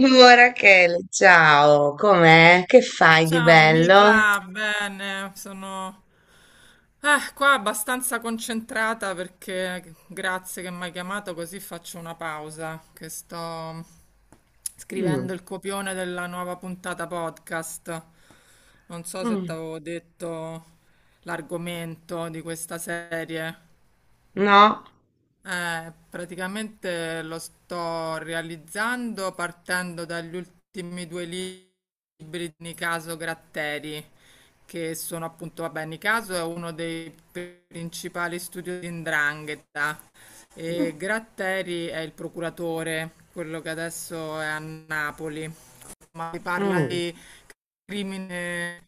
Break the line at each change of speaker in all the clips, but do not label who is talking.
Oh, Rachele, ciao, com'è? Che fai di
Ciao
bello?
Nicla, bene, sono qua abbastanza concentrata perché grazie che mi hai chiamato così faccio una pausa, che sto
Mm.
scrivendo il copione della nuova puntata podcast. Non so se ti
Mm.
avevo detto l'argomento di questa serie.
No?
Praticamente lo sto realizzando partendo dagli ultimi 2 libri di Nicaso Gratteri, che sono appunto, vabbè, Nicaso è uno dei principali studi di 'Ndrangheta e
Mm.
Gratteri è il procuratore, quello che adesso è a Napoli. Insomma, si parla
Mm.
di crimine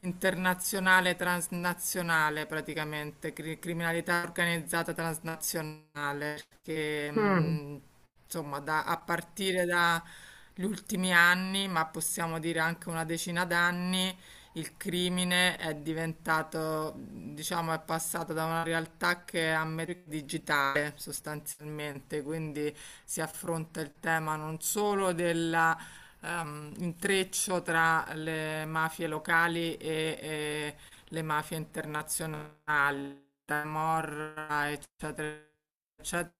internazionale, transnazionale praticamente, criminalità organizzata transnazionale, che
Mm.
insomma a partire dagli ultimi anni, ma possiamo dire anche una decina d'anni, il crimine è diventato, diciamo, è passato da una realtà che è a metà digitale sostanzialmente, quindi si affronta il tema non solo della intreccio tra le mafie locali e le mafie internazionali, Camorra, eccetera, eccetera,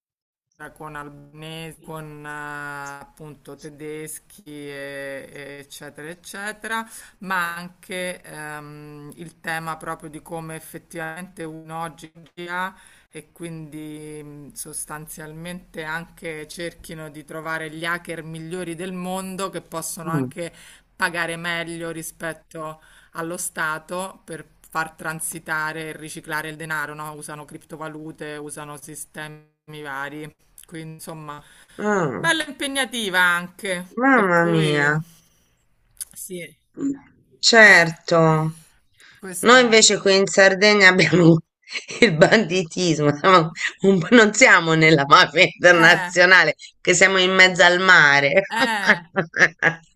con albanesi, con appunto tedeschi, e eccetera, eccetera, ma anche il tema proprio di come effettivamente uno oggi ha, e quindi sostanzialmente anche cerchino di trovare gli hacker migliori del mondo che possono
Mm.
anche pagare meglio rispetto allo Stato per far transitare e riciclare il denaro, no? Usano criptovalute, usano sistemi vari. Quindi, insomma,
Mm.
bella impegnativa anche, per
Mamma
cui
mia.
sì, eh,
Certo,
questo
noi
è.
invece qui in Sardegna abbiamo il banditismo, siamo un po' non siamo nella mafia
Eh,
internazionale, che siamo in mezzo al mare.
eh,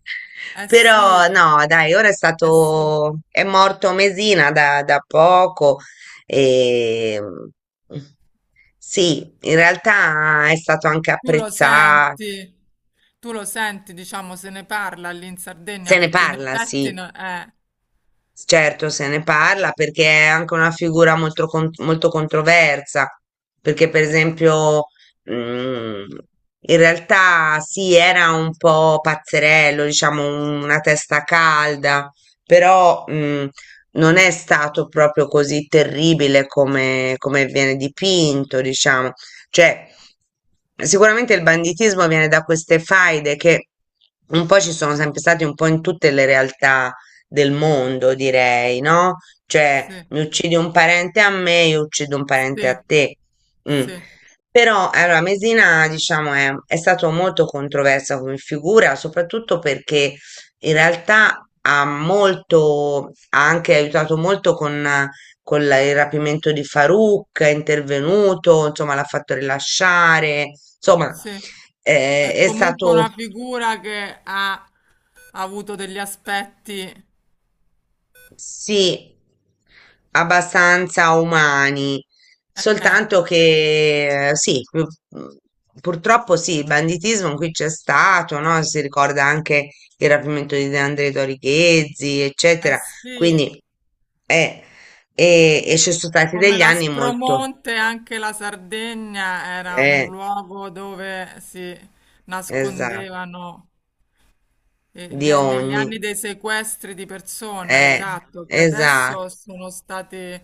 eh
Però
sì,
no, dai, ora
eh sì.
è morto Mesina da poco e sì, in realtà è stato anche
Tu lo
apprezzato,
senti, tu lo senti, diciamo, se ne parla lì in Sardegna
se ne
perché in
parla,
effetti
sì. Certo, se ne parla perché è anche una figura molto, molto controversa, perché per esempio mm, in realtà sì, era un po' pazzerello, diciamo una testa calda, però non è stato proprio così terribile come, come viene dipinto, diciamo. Cioè, sicuramente il banditismo viene da queste faide che un po' ci sono sempre state un po' in tutte le realtà del mondo, direi, no? Cioè,
sì,
mi uccidi un parente a me, io uccido un parente
sì,
a te. Mm.
sì,
Però, allora, Mesina, diciamo, è stato molto controversa come figura, soprattutto perché in realtà ha molto, ha anche aiutato molto con il rapimento di Farouk, è intervenuto, insomma, l'ha fatto rilasciare, insomma,
sì. È
è
comunque
stato
una figura che ha avuto degli aspetti,
Sì, abbastanza umani,
eh.
soltanto che sì, purtroppo sì, il banditismo qui c'è stato, no? Si ricorda anche il rapimento di De André Dorichezzi,
Eh
eccetera,
sì,
quindi eh, e ci sono stati
come
degli anni molto,
l'Aspromonte, anche la Sardegna era un
eh,
luogo dove si
esatto,
nascondevano,
di
negli
ogni,
anni dei sequestri di persone,
eh,
esatto, che
esatto,
adesso sono stati,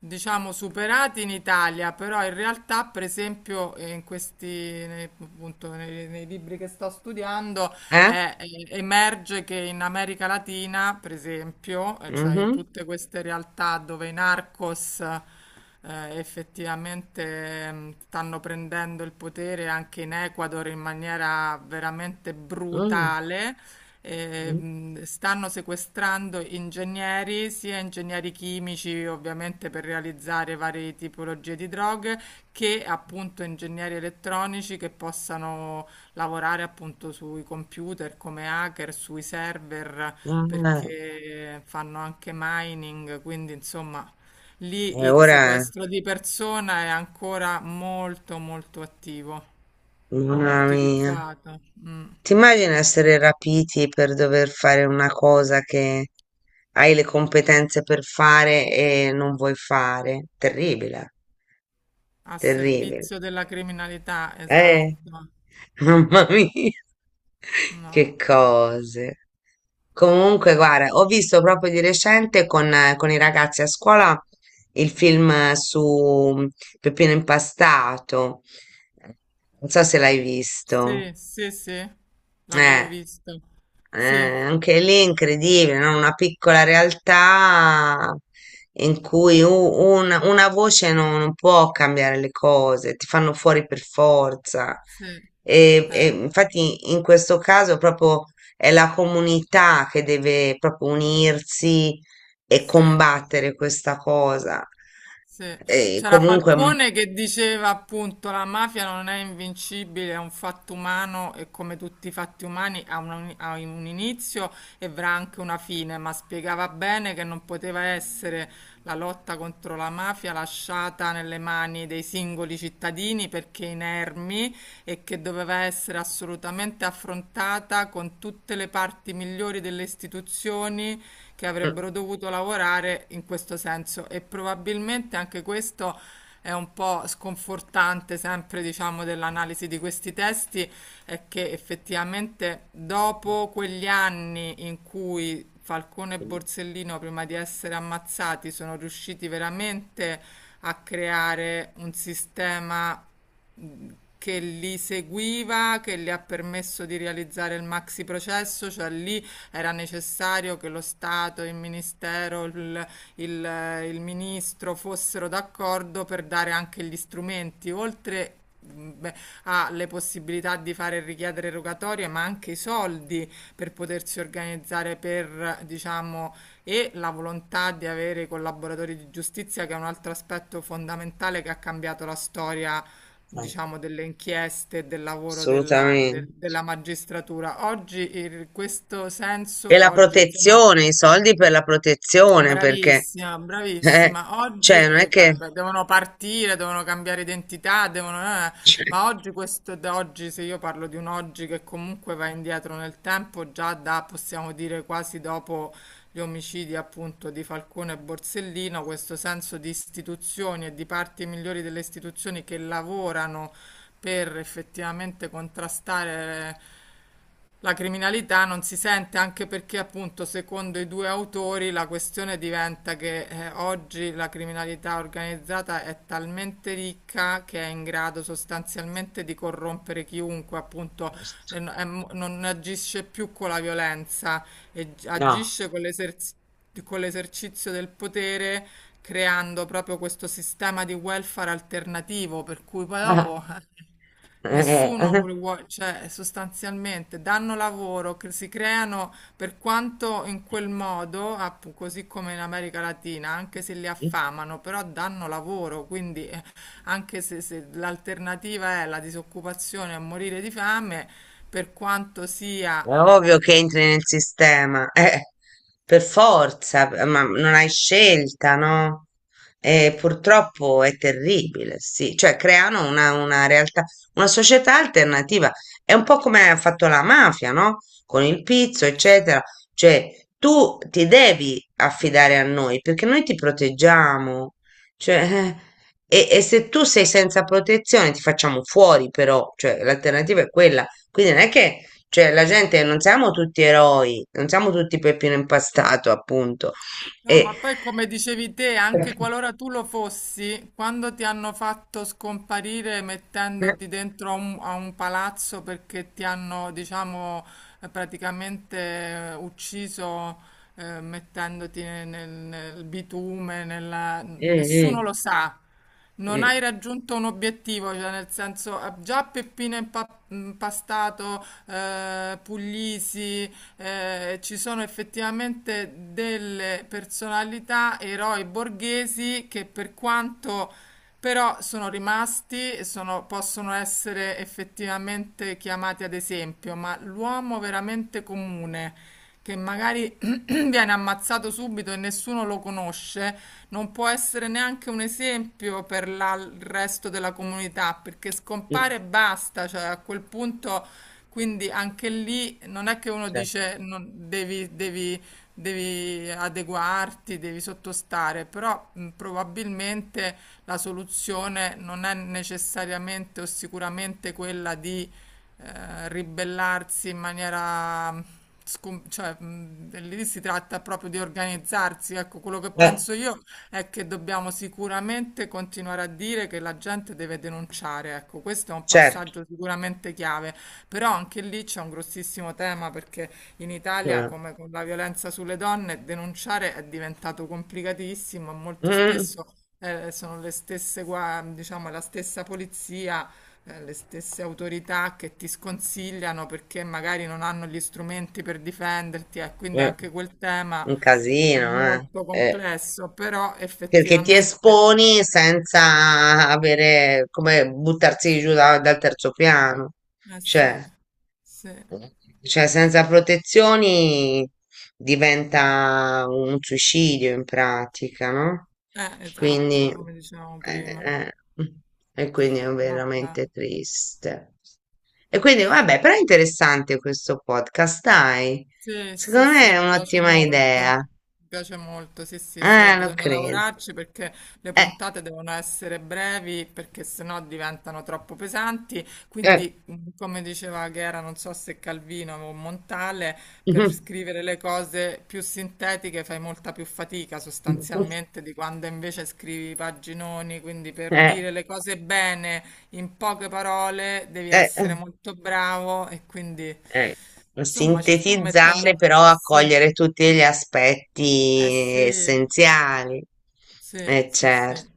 diciamo, superati in Italia, però in realtà, per esempio, in questi, appunto, nei libri che sto studiando.
eh?
Emerge che in America Latina, per esempio, cioè in
Mhm.
tutte queste realtà dove i narcos effettivamente stanno prendendo il potere anche in Ecuador in maniera veramente
Mm.
brutale.
Mm.
Stanno sequestrando ingegneri, sia ingegneri chimici ovviamente per realizzare varie tipologie di droghe, che appunto ingegneri elettronici che possano lavorare appunto sui computer come hacker, sui server,
Ah,
perché fanno anche mining, quindi insomma
e
lì il
ora,
sequestro di persona è ancora molto molto attivo,
mamma mia.
utilizzato, mm,
Ti immagini essere rapiti per dover fare una cosa che hai le competenze per fare e non vuoi fare? Terribile,
a
terribile.
servizio della criminalità,
Eh,
esatto.
mamma mia, che
No.
cose. Comunque, guarda, ho visto proprio di recente con i ragazzi a scuola il film su Peppino Impastato. Non so se l'hai visto.
Sì, sì, sì, l'avevo
Eh.
visto. Sì,
Anche lì è incredibile, no? Una piccola realtà in cui una voce non può cambiare le cose, ti fanno fuori per forza.
sì,
E,
eh,
e infatti in questo caso proprio è la comunità che deve proprio unirsi e
sì.
combattere questa cosa.
Sì.
E
C'era
comunque, mm.
Falcone che diceva appunto la mafia non è invincibile, è un fatto umano e come tutti i fatti umani ha ha un inizio e avrà anche una fine, ma spiegava bene che non poteva essere la lotta contro la mafia lasciata nelle mani dei singoli cittadini perché inermi e che doveva essere assolutamente affrontata con tutte le parti migliori delle istituzioni che avrebbero dovuto lavorare in questo senso, e probabilmente anche questo è un po' sconfortante sempre, diciamo, dell'analisi di questi testi, è che effettivamente dopo quegli anni in cui Falcone e Borsellino, prima di essere ammazzati, sono riusciti veramente a creare un sistema, mh, che li seguiva, che le ha permesso di realizzare il maxi processo. Cioè lì era necessario che lo Stato, il Ministero, il Ministro fossero d'accordo per dare anche gli strumenti, oltre beh, ha le possibilità di fare richiedere rogatorie, ma anche i soldi per potersi organizzare per, diciamo, e la volontà di avere i collaboratori di giustizia, che è un altro aspetto fondamentale che ha cambiato la storia,
Mm.
diciamo, delle inchieste, e del lavoro
Assolutamente.
della magistratura. Oggi in questo
E
senso,
la
oggi, insomma,
protezione, i soldi per la protezione, perché,
bravissima,
eh,
bravissima. Oggi
cioè, non è che...
guarda, devono partire, devono cambiare identità, devono,
Cioè,
ma oggi questo, da oggi, se io parlo di un oggi che comunque va indietro nel tempo, già da, possiamo dire quasi dopo gli omicidi appunto di Falcone e Borsellino, questo senso di istituzioni e di parti migliori delle istituzioni che lavorano per effettivamente contrastare la criminalità non si sente, anche perché, appunto, secondo i due autori, la questione diventa che oggi la criminalità organizzata è talmente ricca che è in grado sostanzialmente di corrompere chiunque, appunto,
certo,
non agisce più con la violenza, e
no.
agisce con con l'esercizio del potere, creando proprio questo sistema di welfare alternativo, per cui poi dopo...
Ah,
Nessuno vuole, cioè sostanzialmente danno lavoro, si creano, per quanto in quel modo, così come in America Latina, anche se li
eh.
affamano, però danno lavoro, quindi anche se, se l'alternativa è la disoccupazione a morire di fame, per quanto sia.
È ovvio che entri nel sistema, per forza, ma non hai scelta, no? E purtroppo è terribile, sì, cioè creano una realtà, una società alternativa. È un po' come ha fatto la mafia, no? Con il pizzo, eccetera. Cioè, tu ti devi affidare a noi perché noi ti proteggiamo. Cioè, e se tu sei senza protezione, ti facciamo fuori, però, cioè, l'alternativa è quella. Quindi non è che cioè, la gente non siamo tutti eroi, non siamo tutti Peppino Impastato, appunto.
No,
E...
ma poi come dicevi te, anche qualora tu lo fossi, quando ti hanno fatto scomparire
Mm.
mettendoti dentro a un palazzo perché ti hanno, diciamo, praticamente ucciso, mettendoti nel, nel bitume, nessuno
Mm.
lo sa. Non
Mm.
hai raggiunto un obiettivo, cioè nel senso già Peppino Impastato, Puglisi, ci sono effettivamente delle personalità, eroi borghesi che per quanto però sono rimasti e possono essere effettivamente chiamati ad esempio, ma l'uomo veramente comune, che magari viene ammazzato subito e nessuno lo conosce, non può essere neanche un esempio per il resto della comunità, perché
Mm.
scompare e basta, cioè a quel punto, quindi anche lì non è che uno
Certo.
dice devi, devi adeguarti, devi sottostare, però probabilmente la soluzione non è necessariamente o sicuramente quella di ribellarsi in maniera cioè, lì si tratta proprio di organizzarsi. Ecco, quello che
Eh,
penso io è che dobbiamo sicuramente continuare a dire che la gente deve denunciare. Ecco, questo è un
certo.
passaggio sicuramente chiave, però anche lì c'è un grossissimo tema, perché in Italia,
Eh,
come con la violenza sulle donne, denunciare è diventato complicatissimo e molto
mm,
spesso sono le stesse, diciamo, la stessa polizia le stesse autorità che ti sconsigliano perché magari non hanno gli strumenti per difenderti, e quindi
eh,
anche quel tema
un
è
casino,
molto
eh,
complesso, però
perché ti
effettivamente,
esponi senza avere come buttarsi giù dal terzo piano.
eh sì,
Cioè.
sì,
Cioè, senza protezioni diventa un suicidio in pratica, no?
esatto,
Quindi,
come dicevamo prima,
eh, eh, e quindi è
vabbè.
veramente triste. E quindi, vabbè, però è interessante questo podcast, dai.
Sì, sì,
Secondo me
sì,
è un'ottima idea.
mi piace molto, sì, sì, solo
Ah, lo
bisogna
credo.
lavorarci perché le
Eh,
puntate devono essere brevi perché sennò diventano troppo pesanti,
eh.
quindi mm, come diceva che era, non so se Calvino o Montale, per scrivere le cose più sintetiche fai molta più fatica sostanzialmente di quando invece scrivi paginoni, quindi per
Eh,
dire le cose bene in poche parole, devi
eh. Eh.
essere molto bravo e quindi,
Eh,
insomma, ci sto
sintetizzare
mettendo...
però
Sì,
accogliere tutti gli
eh
aspetti
sì,
essenziali.
sì,
Eh
sì,
certo.
sì.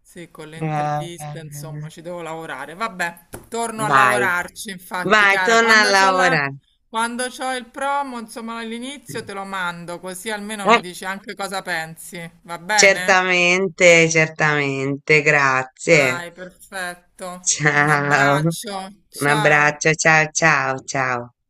Sì, con le
Eh, eh,
interviste, insomma, ci devo lavorare. Vabbè, torno a
dai,
lavorarci, infatti,
vai,
cara.
torna a
Quando c'ho la...
lavorare.
Quando c'ho il promo, insomma, all'inizio te lo mando, così almeno mi
Eh,
dici anche cosa pensi. Va bene?
certamente, certamente, grazie.
Dai, perfetto. Un
Ciao.
abbraccio.
Un
Ciao.
abbraccio, ciao, ciao, ciao.